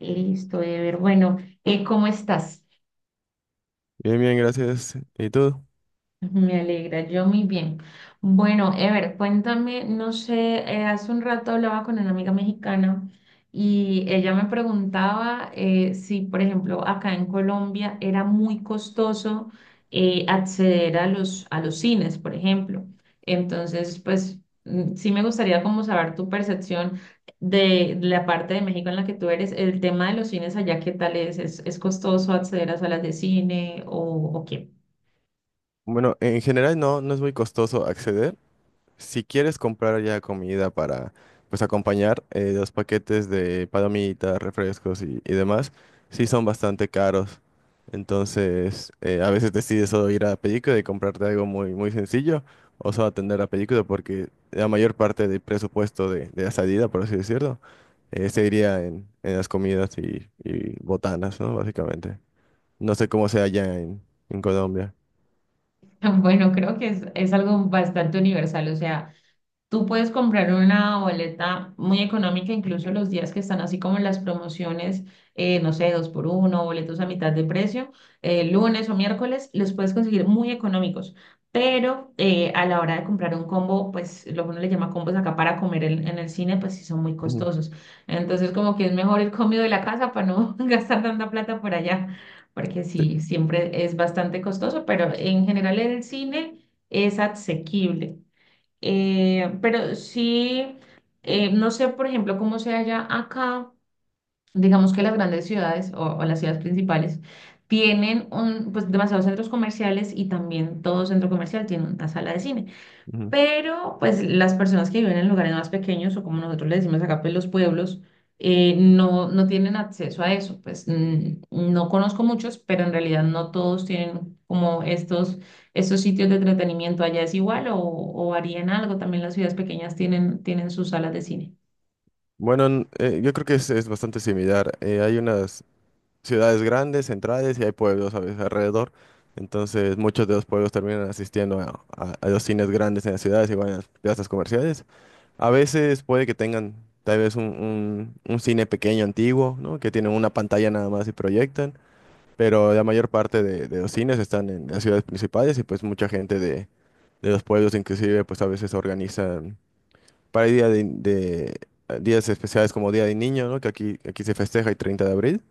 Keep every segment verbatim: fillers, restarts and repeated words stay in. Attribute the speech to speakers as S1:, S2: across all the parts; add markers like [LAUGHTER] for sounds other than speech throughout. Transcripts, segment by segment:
S1: Listo, Ever. Bueno, eh, ¿cómo estás?
S2: Bien, bien, gracias. ¿Y tú?
S1: Me alegra, yo muy bien. Bueno, Ever, cuéntame, no sé, eh, hace un rato hablaba con una amiga mexicana y ella me preguntaba eh, si, por ejemplo, acá en Colombia era muy costoso eh, acceder a los, a los cines, por ejemplo. Entonces, pues mm, sí me gustaría como saber tu percepción de la parte de México en la que tú eres, el tema de los cines allá. ¿Qué tal es? ¿Es, es costoso acceder a salas de cine o, o qué?
S2: Bueno, en general no, no es muy costoso acceder. Si quieres comprar ya comida para, pues, acompañar eh, los paquetes de palomitas, refrescos y, y demás, sí son bastante caros. Entonces, eh, a veces decides solo ir a la película y comprarte algo muy, muy sencillo o solo atender la película porque la mayor parte del presupuesto de, de la salida, por así decirlo, eh, se iría en, en las comidas y, y botanas, ¿no? Básicamente. No sé cómo sea allá en, en Colombia.
S1: [LAUGHS] Bueno, creo que es, es algo bastante universal, o sea, tú puedes comprar una boleta muy económica, incluso los días que están así como las promociones, eh, no sé, dos por uno, boletos a mitad de precio, eh, lunes o miércoles, los puedes conseguir muy económicos. Pero eh, a la hora de comprar un combo, pues lo que uno le llama combos acá para comer en, en el cine, pues sí son muy
S2: Ujú,
S1: costosos. Entonces como que es mejor el comido de la casa para no [LAUGHS] gastar tanta plata por allá, porque
S2: sí,
S1: sí, siempre es bastante costoso, pero en general el cine es asequible. Eh, pero sí, eh, no sé, por ejemplo, cómo sea allá acá, digamos que las grandes ciudades o, o las ciudades principales tienen un, pues, demasiados centros comerciales y también todo centro comercial tiene una sala de cine.
S2: ujú.
S1: Pero pues las personas que viven en lugares más pequeños o como nosotros le decimos acá, pues los pueblos, eh, no, no tienen acceso a eso. Pues mm, no conozco muchos, pero en realidad no todos tienen como estos, estos sitios de entretenimiento. Allá es igual o, o varía en algo. También las ciudades pequeñas tienen, tienen sus salas de cine.
S2: Bueno, n- eh, yo creo que es, es bastante similar. Eh, hay unas ciudades grandes, centrales, y hay pueblos a veces alrededor. Entonces, muchos de los pueblos terminan asistiendo a, a- a los cines grandes en las ciudades y van a las plazas comerciales. A veces puede que tengan tal vez un, un- un cine pequeño, antiguo, ¿no? Que tienen una pantalla nada más y proyectan. Pero la mayor parte de, de los cines están en las ciudades principales y pues mucha gente de, de los pueblos inclusive pues a veces organizan para el día de, de- días especiales como Día del Niño, ¿no? Que aquí, aquí se festeja el treinta de abril.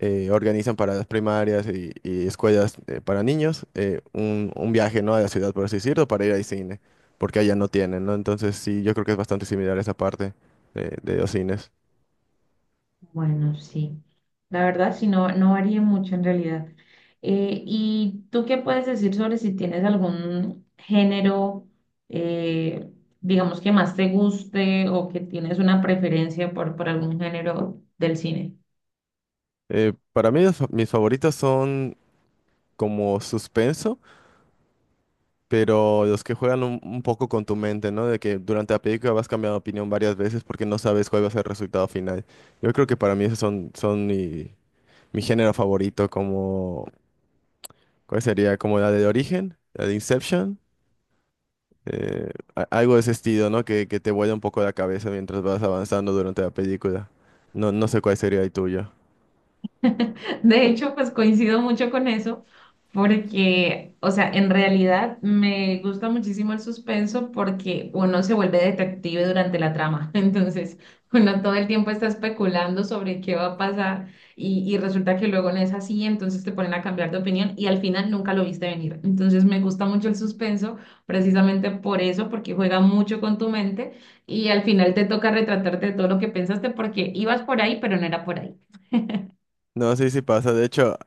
S2: eh, Organizan para las primarias y, y escuelas eh, para niños eh, un, un viaje, ¿no? A la ciudad, por así decirlo, para ir al cine, porque allá no tienen, ¿no? Entonces sí, yo creo que es bastante similar esa parte de, de los cines.
S1: Bueno, sí. La verdad, sí, no, no varía mucho en realidad. Eh, ¿y tú qué puedes decir sobre si tienes algún género, eh, digamos, que más te guste o que tienes una preferencia por, por algún género del cine?
S2: Eh, para mí los fa- mis favoritos son como suspenso. Pero los que juegan un, un poco con tu mente, ¿no? De que durante la película vas cambiando de opinión varias veces porque no sabes cuál va a ser el resultado final. Yo creo que para mí esos son, son mi, mi, género favorito, como, ¿cuál sería? Como la de Origen, la de Inception, eh, a- algo de ese estilo, ¿no? Que, que te vuela un poco la cabeza mientras vas avanzando durante la película. No, no sé cuál sería el tuyo.
S1: [LAUGHS] De hecho, pues coincido mucho con eso, porque, o sea, en realidad me gusta muchísimo el suspenso porque uno se vuelve detective durante la trama. [LAUGHS] Entonces, uno todo el tiempo está especulando sobre qué va a pasar y, y resulta que luego no es así, entonces te ponen a cambiar de opinión y al final nunca lo viste venir. Entonces, me gusta mucho el suspenso precisamente por eso, porque juega mucho con tu mente y al final te toca retratarte de todo lo que pensaste porque ibas por ahí, pero no era por ahí.
S2: No, sí, sí pasa. De hecho,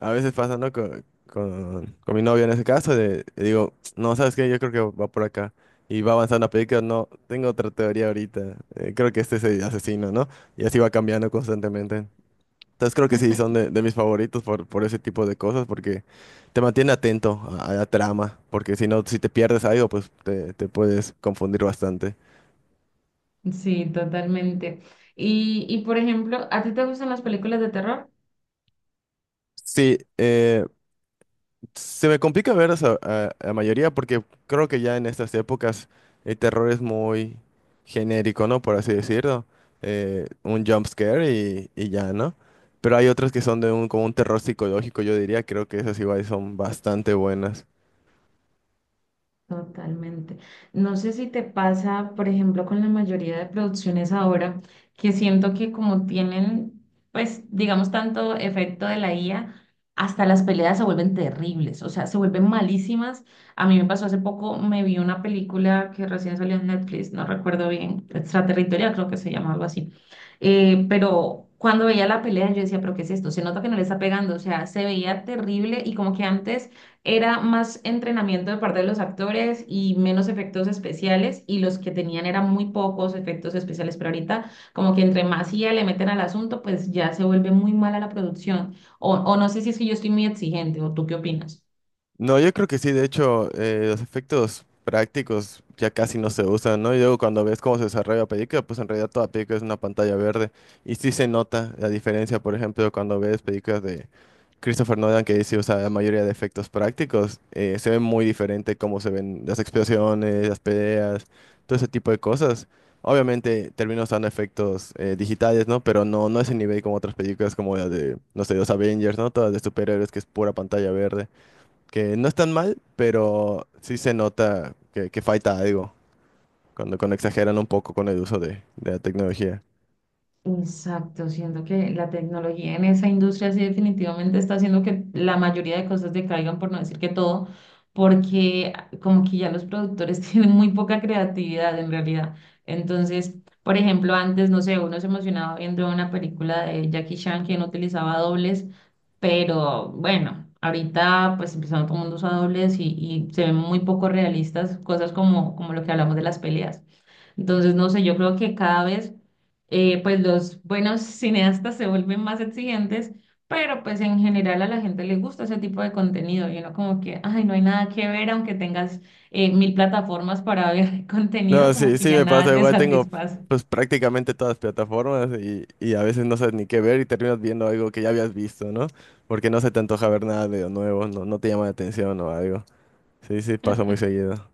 S2: a veces pasa, ¿no? Con, con, con mi novia en ese caso, de, le digo, no, ¿sabes qué? Yo creo que va por acá. Y va avanzando la película, no, tengo otra teoría ahorita. Eh, creo que este es el asesino, ¿no? Y así va cambiando constantemente. Entonces creo que sí, son de, de mis favoritos por, por ese tipo de cosas, porque te mantiene atento a, a la trama, porque si no, si te pierdes algo, pues te, te puedes confundir bastante.
S1: Sí, totalmente. Y, y por ejemplo, ¿a ti te gustan las películas de terror?
S2: Sí, eh, se me complica ver a, esa- a- a la mayoría porque creo que ya en estas épocas el terror es muy genérico, ¿no? Por así decirlo. Eh, un jump scare y, y ya, ¿no? Pero hay otras que son de un, como un terror psicológico, yo diría. Creo que esas igual son bastante buenas.
S1: Totalmente. No sé si te pasa, por ejemplo, con la mayoría de producciones ahora, que siento que como tienen, pues, digamos, tanto efecto de la I A, hasta las peleas se vuelven terribles, o sea, se vuelven malísimas. A mí me pasó hace poco, me vi una película que recién salió en Netflix, no recuerdo bien, Extraterritorial creo que se llama algo así. Eh, pero cuando veía la pelea, yo decía, pero ¿qué es esto? Se nota que no le está pegando, o sea, se veía terrible y como que antes era más entrenamiento de parte de los actores y menos efectos especiales y los que tenían eran muy pocos efectos especiales, pero ahorita como que entre más I A le meten al asunto, pues ya se vuelve muy mala la producción. O, o no sé si es que yo estoy muy exigente o tú qué opinas.
S2: No, yo creo que sí, de hecho, eh, los efectos prácticos ya casi no se usan, ¿no? Y luego cuando ves cómo se desarrolla la película, pues en realidad toda película es una pantalla verde. Y sí se nota la diferencia, por ejemplo, cuando ves películas de Christopher Nolan, que sí usa la mayoría de efectos prácticos, eh, se ve muy diferente cómo se ven las explosiones, las peleas, todo ese tipo de cosas. Obviamente termina usando efectos eh, digitales, ¿no? Pero no, no es el nivel como otras películas como la de, no sé, los Avengers, ¿no? Todas de superhéroes que es pura pantalla verde, que no están mal, pero sí se nota que, que, falta algo cuando, cuando exageran un poco con el uso de, de la tecnología.
S1: Exacto, siento que la tecnología en esa industria sí definitivamente está haciendo que la mayoría de cosas decaigan, por no decir que todo, porque como que ya los productores [LAUGHS] tienen muy poca creatividad en realidad. Entonces, por ejemplo, antes, no sé, uno se emocionaba viendo una película de Jackie Chan que no utilizaba dobles, pero bueno, ahorita pues empezando todo el mundo usa dobles y, y se ven muy poco realistas cosas como, como lo que hablamos de las peleas. Entonces, no sé, yo creo que cada vez eh, pues los buenos cineastas se vuelven más exigentes, pero pues en general a la gente le gusta ese tipo de contenido y uno como que, ay, no hay nada que ver, aunque tengas eh, mil plataformas para ver [LAUGHS] contenido,
S2: No,
S1: como
S2: sí,
S1: que
S2: sí
S1: ya
S2: me
S1: nada
S2: pasa,
S1: te
S2: igual tengo
S1: satisface.
S2: pues prácticamente todas las plataformas y, y a veces no sabes ni qué ver y terminas viendo algo que ya habías visto, ¿no? Porque no se te antoja ver nada de lo nuevo, no, no te llama la atención o algo. Sí, sí, pasa muy seguido.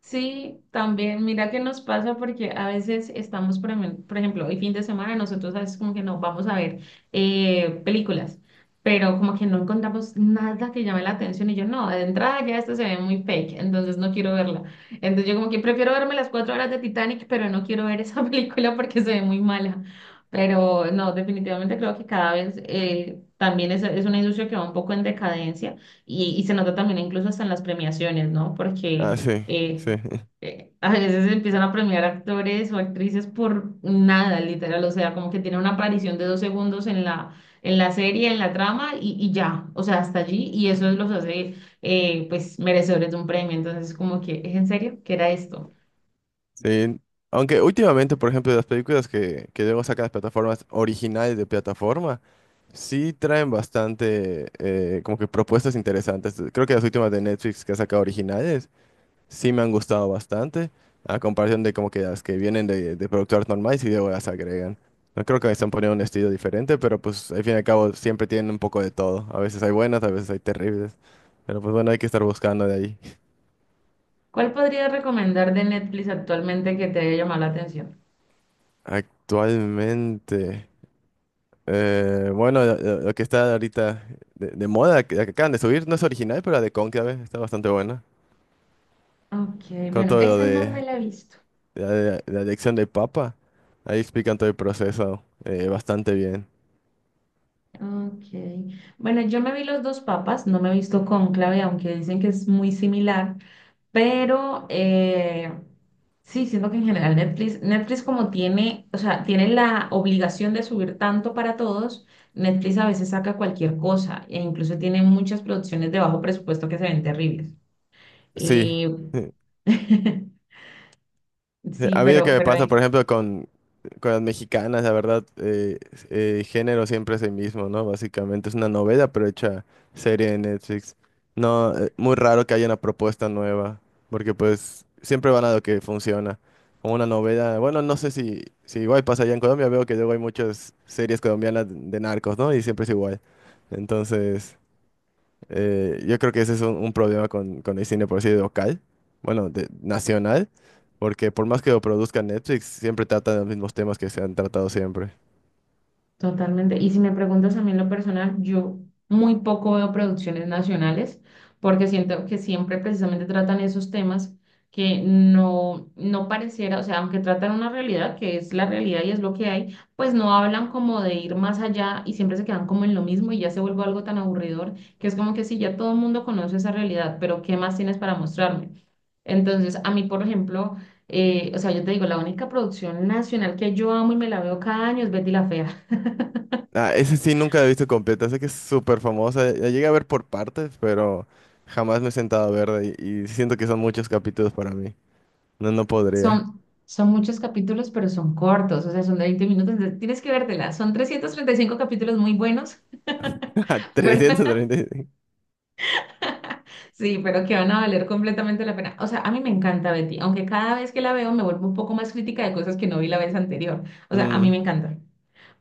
S1: Sí, también, mira qué nos pasa porque a veces estamos, por ejem- por ejemplo, el fin de semana nosotros a veces como que nos vamos a ver eh, películas, pero como que no encontramos nada que llame la atención y yo no, de entrada ya esta se ve muy fake, entonces no quiero verla. Entonces yo como que prefiero verme las cuatro horas de Titanic, pero no quiero ver esa [LAUGHS] película porque se ve muy mala. Pero no, definitivamente creo que cada vez eh, también es, es una industria que va un poco en decadencia y, y se nota también incluso hasta en las premiaciones, ¿no?
S2: Ah,
S1: Porque
S2: sí,
S1: eh,
S2: sí.
S1: eh, [LAUGHS] a veces empiezan a premiar actores o actrices por nada, literal, o sea, como que tiene una aparición de dos segundos en la, en la serie, en la trama y, y ya, o sea, hasta allí y eso los hace eh, pues merecedores de un premio, entonces como que, ¿es en serio? ¿Qué era esto?
S2: Sí, aunque últimamente, por ejemplo, las películas que, que luego sacan las plataformas originales de plataforma, sí traen bastante, eh, como que propuestas interesantes. Creo que las últimas de Netflix que ha sacado originales, sí me han gustado bastante, a comparación de como que las que vienen de, de productoras normales y luego las agregan. No creo que están poniendo un estilo diferente, pero pues al fin y al cabo siempre tienen un poco de todo. A veces hay buenas, a veces hay terribles. Pero pues bueno, hay que estar buscando de ahí.
S1: ¿Cuál podrías recomendar de Netflix actualmente que te haya llamado la atención?
S2: Actualmente. Eh, bueno, lo, lo- lo que está ahorita de, de moda, que, la que acaban de subir, no es original, pero la de Cónclave está bastante buena.
S1: Ok,
S2: Con
S1: bueno,
S2: todo lo
S1: esa no me
S2: de
S1: la he visto.
S2: la, de- la elección del Papa, ahí explican todo el proceso eh, bastante bien.
S1: Okay. Bueno, yo me vi Los Dos Papas, no me he visto Cónclave, aunque dicen que es muy similar, pero eh, sí, siento que en general Netflix, Netflix como tiene, o sea, tiene la obligación de subir tanto para todos. Netflix a veces saca cualquier cosa e incluso tiene muchas producciones de bajo presupuesto que se ven terribles.
S2: Sí.
S1: Y
S2: [LAUGHS]
S1: [LAUGHS] sí,
S2: A mí lo que
S1: pero,
S2: me
S1: pero
S2: pasa, por ejemplo, con con las mexicanas, la verdad, eh, eh, género siempre es el mismo, ¿no? Básicamente es una novela, pero hecha serie de Netflix. No, eh, muy raro que haya una propuesta nueva, porque pues siempre van a lo que funciona. O una novela, bueno, no sé si, si, igual pasa allá en Colombia, veo que luego hay muchas series colombianas de narcos, ¿no? Y siempre es igual. Entonces, eh, yo creo que ese es un, un, problema con, con el cine, por así decir, local, bueno, de, nacional, porque por más que lo produzca Netflix, siempre tratan los mismos temas que se han tratado siempre.
S1: Totalmente. Y si me preguntas a mí en lo personal, yo muy poco veo producciones nacionales porque siento que siempre precisamente tratan esos temas que no, no pareciera, o sea, aunque tratan una realidad que es la realidad y es lo que hay, pues no hablan como de ir más allá y siempre se quedan como en lo mismo y ya se vuelve algo tan aburridor que es como que sí, ya todo el mundo conoce esa realidad, pero ¿qué más tienes para mostrarme? Entonces, a mí, por ejemplo, eh, o sea, yo te digo, la única producción nacional que yo amo y me la veo cada año es Betty la Fea.
S2: Ah, ese sí nunca lo he visto completa, sé que es súper famosa, la llegué a ver por partes, pero jamás me he sentado a verla y, y siento que son muchos capítulos para mí. No, no podría.
S1: Son, son muchos capítulos, pero son cortos, o sea, son de veinte minutos, entonces tienes que vértela. Son trescientos treinta y cinco capítulos muy buenos,
S2: [LAUGHS]
S1: [LAUGHS] pero
S2: trescientos treinta y cinco.
S1: sí, pero que van a valer completamente la pena. O sea, a mí me encanta Betty, aunque cada vez que la veo me vuelvo un poco más crítica de cosas que no vi la vez anterior. O sea, a mí me encanta,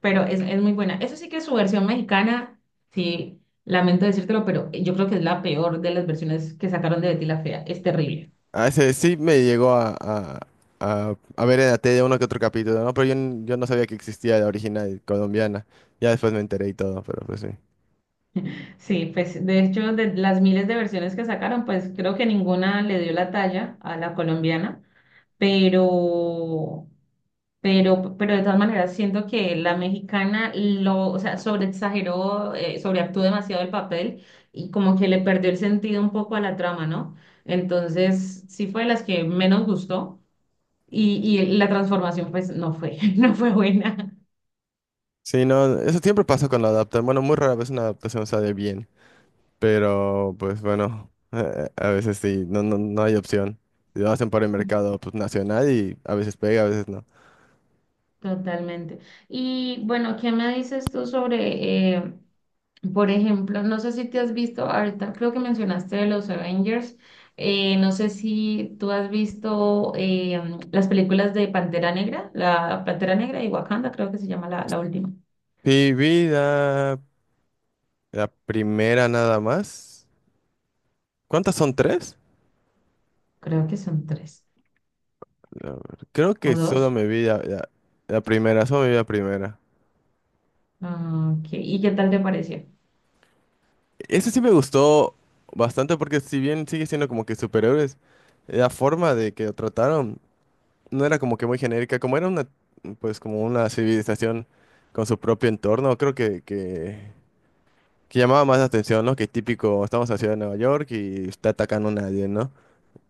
S1: pero es, es muy buena. Eso sí que su versión mexicana, sí, lamento decírtelo, pero yo creo que es la peor de las versiones que sacaron de Betty la Fea. Es terrible.
S2: Ah, ese sí me llegó a, a, a, a ver en la tele uno que otro capítulo, ¿no? Pero yo, n- yo no sabía que existía la original colombiana. Ya después me enteré y todo, pero pues sí.
S1: Sí, pues de hecho, de las miles de versiones que sacaron, pues creo que ninguna le dio la talla a la colombiana, pero, pero, pero de todas maneras siento que la mexicana lo, o sea, sobreexageró, eh, sobreactuó demasiado el papel y como que le perdió el sentido un poco a la trama, ¿no? Entonces, sí fue de las que menos gustó y, y la transformación pues no fue, [LAUGHS] no fue buena.
S2: Sí, no, eso siempre pasa cuando adaptan. Bueno, muy rara vez una adaptación sale bien, pero pues bueno, [LAUGHS] eh, a veces sí, no, no, no hay opción. Si lo hacen para el mercado pues, nacional y a veces pega, a veces no.
S1: Totalmente. Y bueno, ¿qué me dices tú sobre eh, por ejemplo? No sé si te has visto, ahorita creo que mencionaste de los Avengers, eh, no sé si tú has visto eh, las películas de Pantera Negra, la Pantera Negra y Wakanda, creo que se llama la, la última,
S2: Sí, vi la, la primera nada más. ¿Cuántas son? ¿Tres?
S1: creo que son tres
S2: A ver, creo
S1: o
S2: que solo
S1: dos.
S2: me vi la, la- la primera, solo me vi la primera.
S1: Ah, ok, ¿y qué tal te pareció?
S2: Ese sí me gustó bastante porque si bien sigue siendo como que superhéroes, la forma de que lo trataron no era como que muy genérica, como era una, pues como una civilización con su propio entorno, creo que, que, que llamaba más la atención, ¿no? Que típico, estamos en la ciudad de Nueva York y está atacando a nadie, ¿no?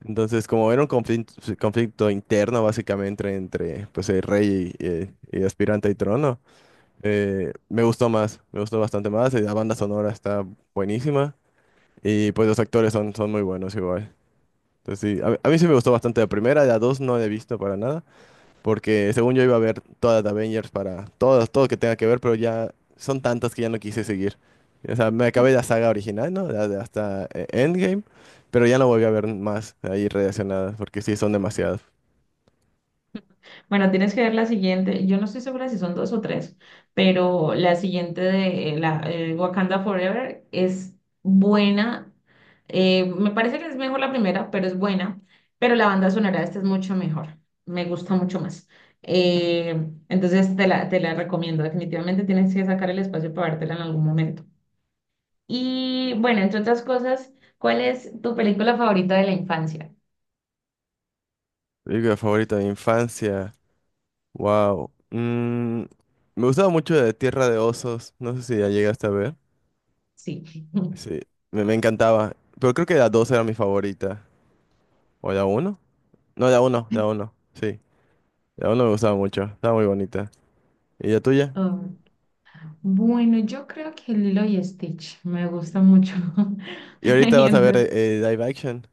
S2: Entonces, como era un conflicto, conflicto interno básicamente entre, pues, el rey y, y- y el aspirante al trono. Eh, me gustó más, me gustó bastante más. Y la banda sonora está buenísima y pues los actores son, son muy buenos igual. Entonces sí, a, a, mí sí me gustó bastante la primera, la dos no la he visto para nada, porque según yo iba a ver todas las Avengers para todas, todo que tenga que ver, pero ya son tantas que ya no quise seguir. O sea, me acabé la saga original, ¿no? La de hasta eh, Endgame, pero ya no volví a ver más ahí relacionadas, porque sí son demasiadas.
S1: Bueno, tienes que ver la siguiente. Yo no estoy segura si son dos o tres, pero la siguiente de eh, la, eh, Wakanda Forever es buena. Eh, me parece que es mejor la primera, pero es buena. Pero la banda sonora de esta es mucho mejor. Me gusta mucho más. Eh, entonces te la, te la recomiendo. Definitivamente tienes que sacar el espacio para vértela en algún momento. Y bueno, entre otras cosas, ¿cuál es tu película favorita de la infancia?
S2: Película favorita de infancia. Wow. Mm, me gustaba mucho de Tierra de Osos. No sé si ya llegaste a ver.
S1: Sí. [LAUGHS]
S2: Sí, me, me, encantaba. Pero creo que la dos era mi favorita. ¿O la uno? No, la uno, la uno. Sí, la uno me gustaba mucho. Estaba muy bonita. ¿Y la tuya?
S1: Oh. Bueno, yo creo que Lilo y Stitch me gusta mucho. [LAUGHS]
S2: Y ahorita
S1: Y
S2: vas a ver eh,
S1: entonces,
S2: eh, live action.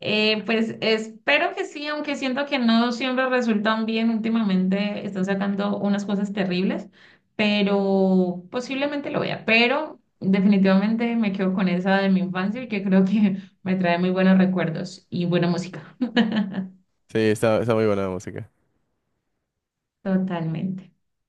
S1: eh, pues espero que sí, aunque siento que no siempre resultan bien. Últimamente están sacando unas cosas terribles, pero posiblemente lo vea. Pero definitivamente me quedo con esa de mi infancia y que creo que [LAUGHS] me trae muy buenos recuerdos y buena música. [LAUGHS]
S2: Sí, está, está muy buena la música.
S1: Totalmente.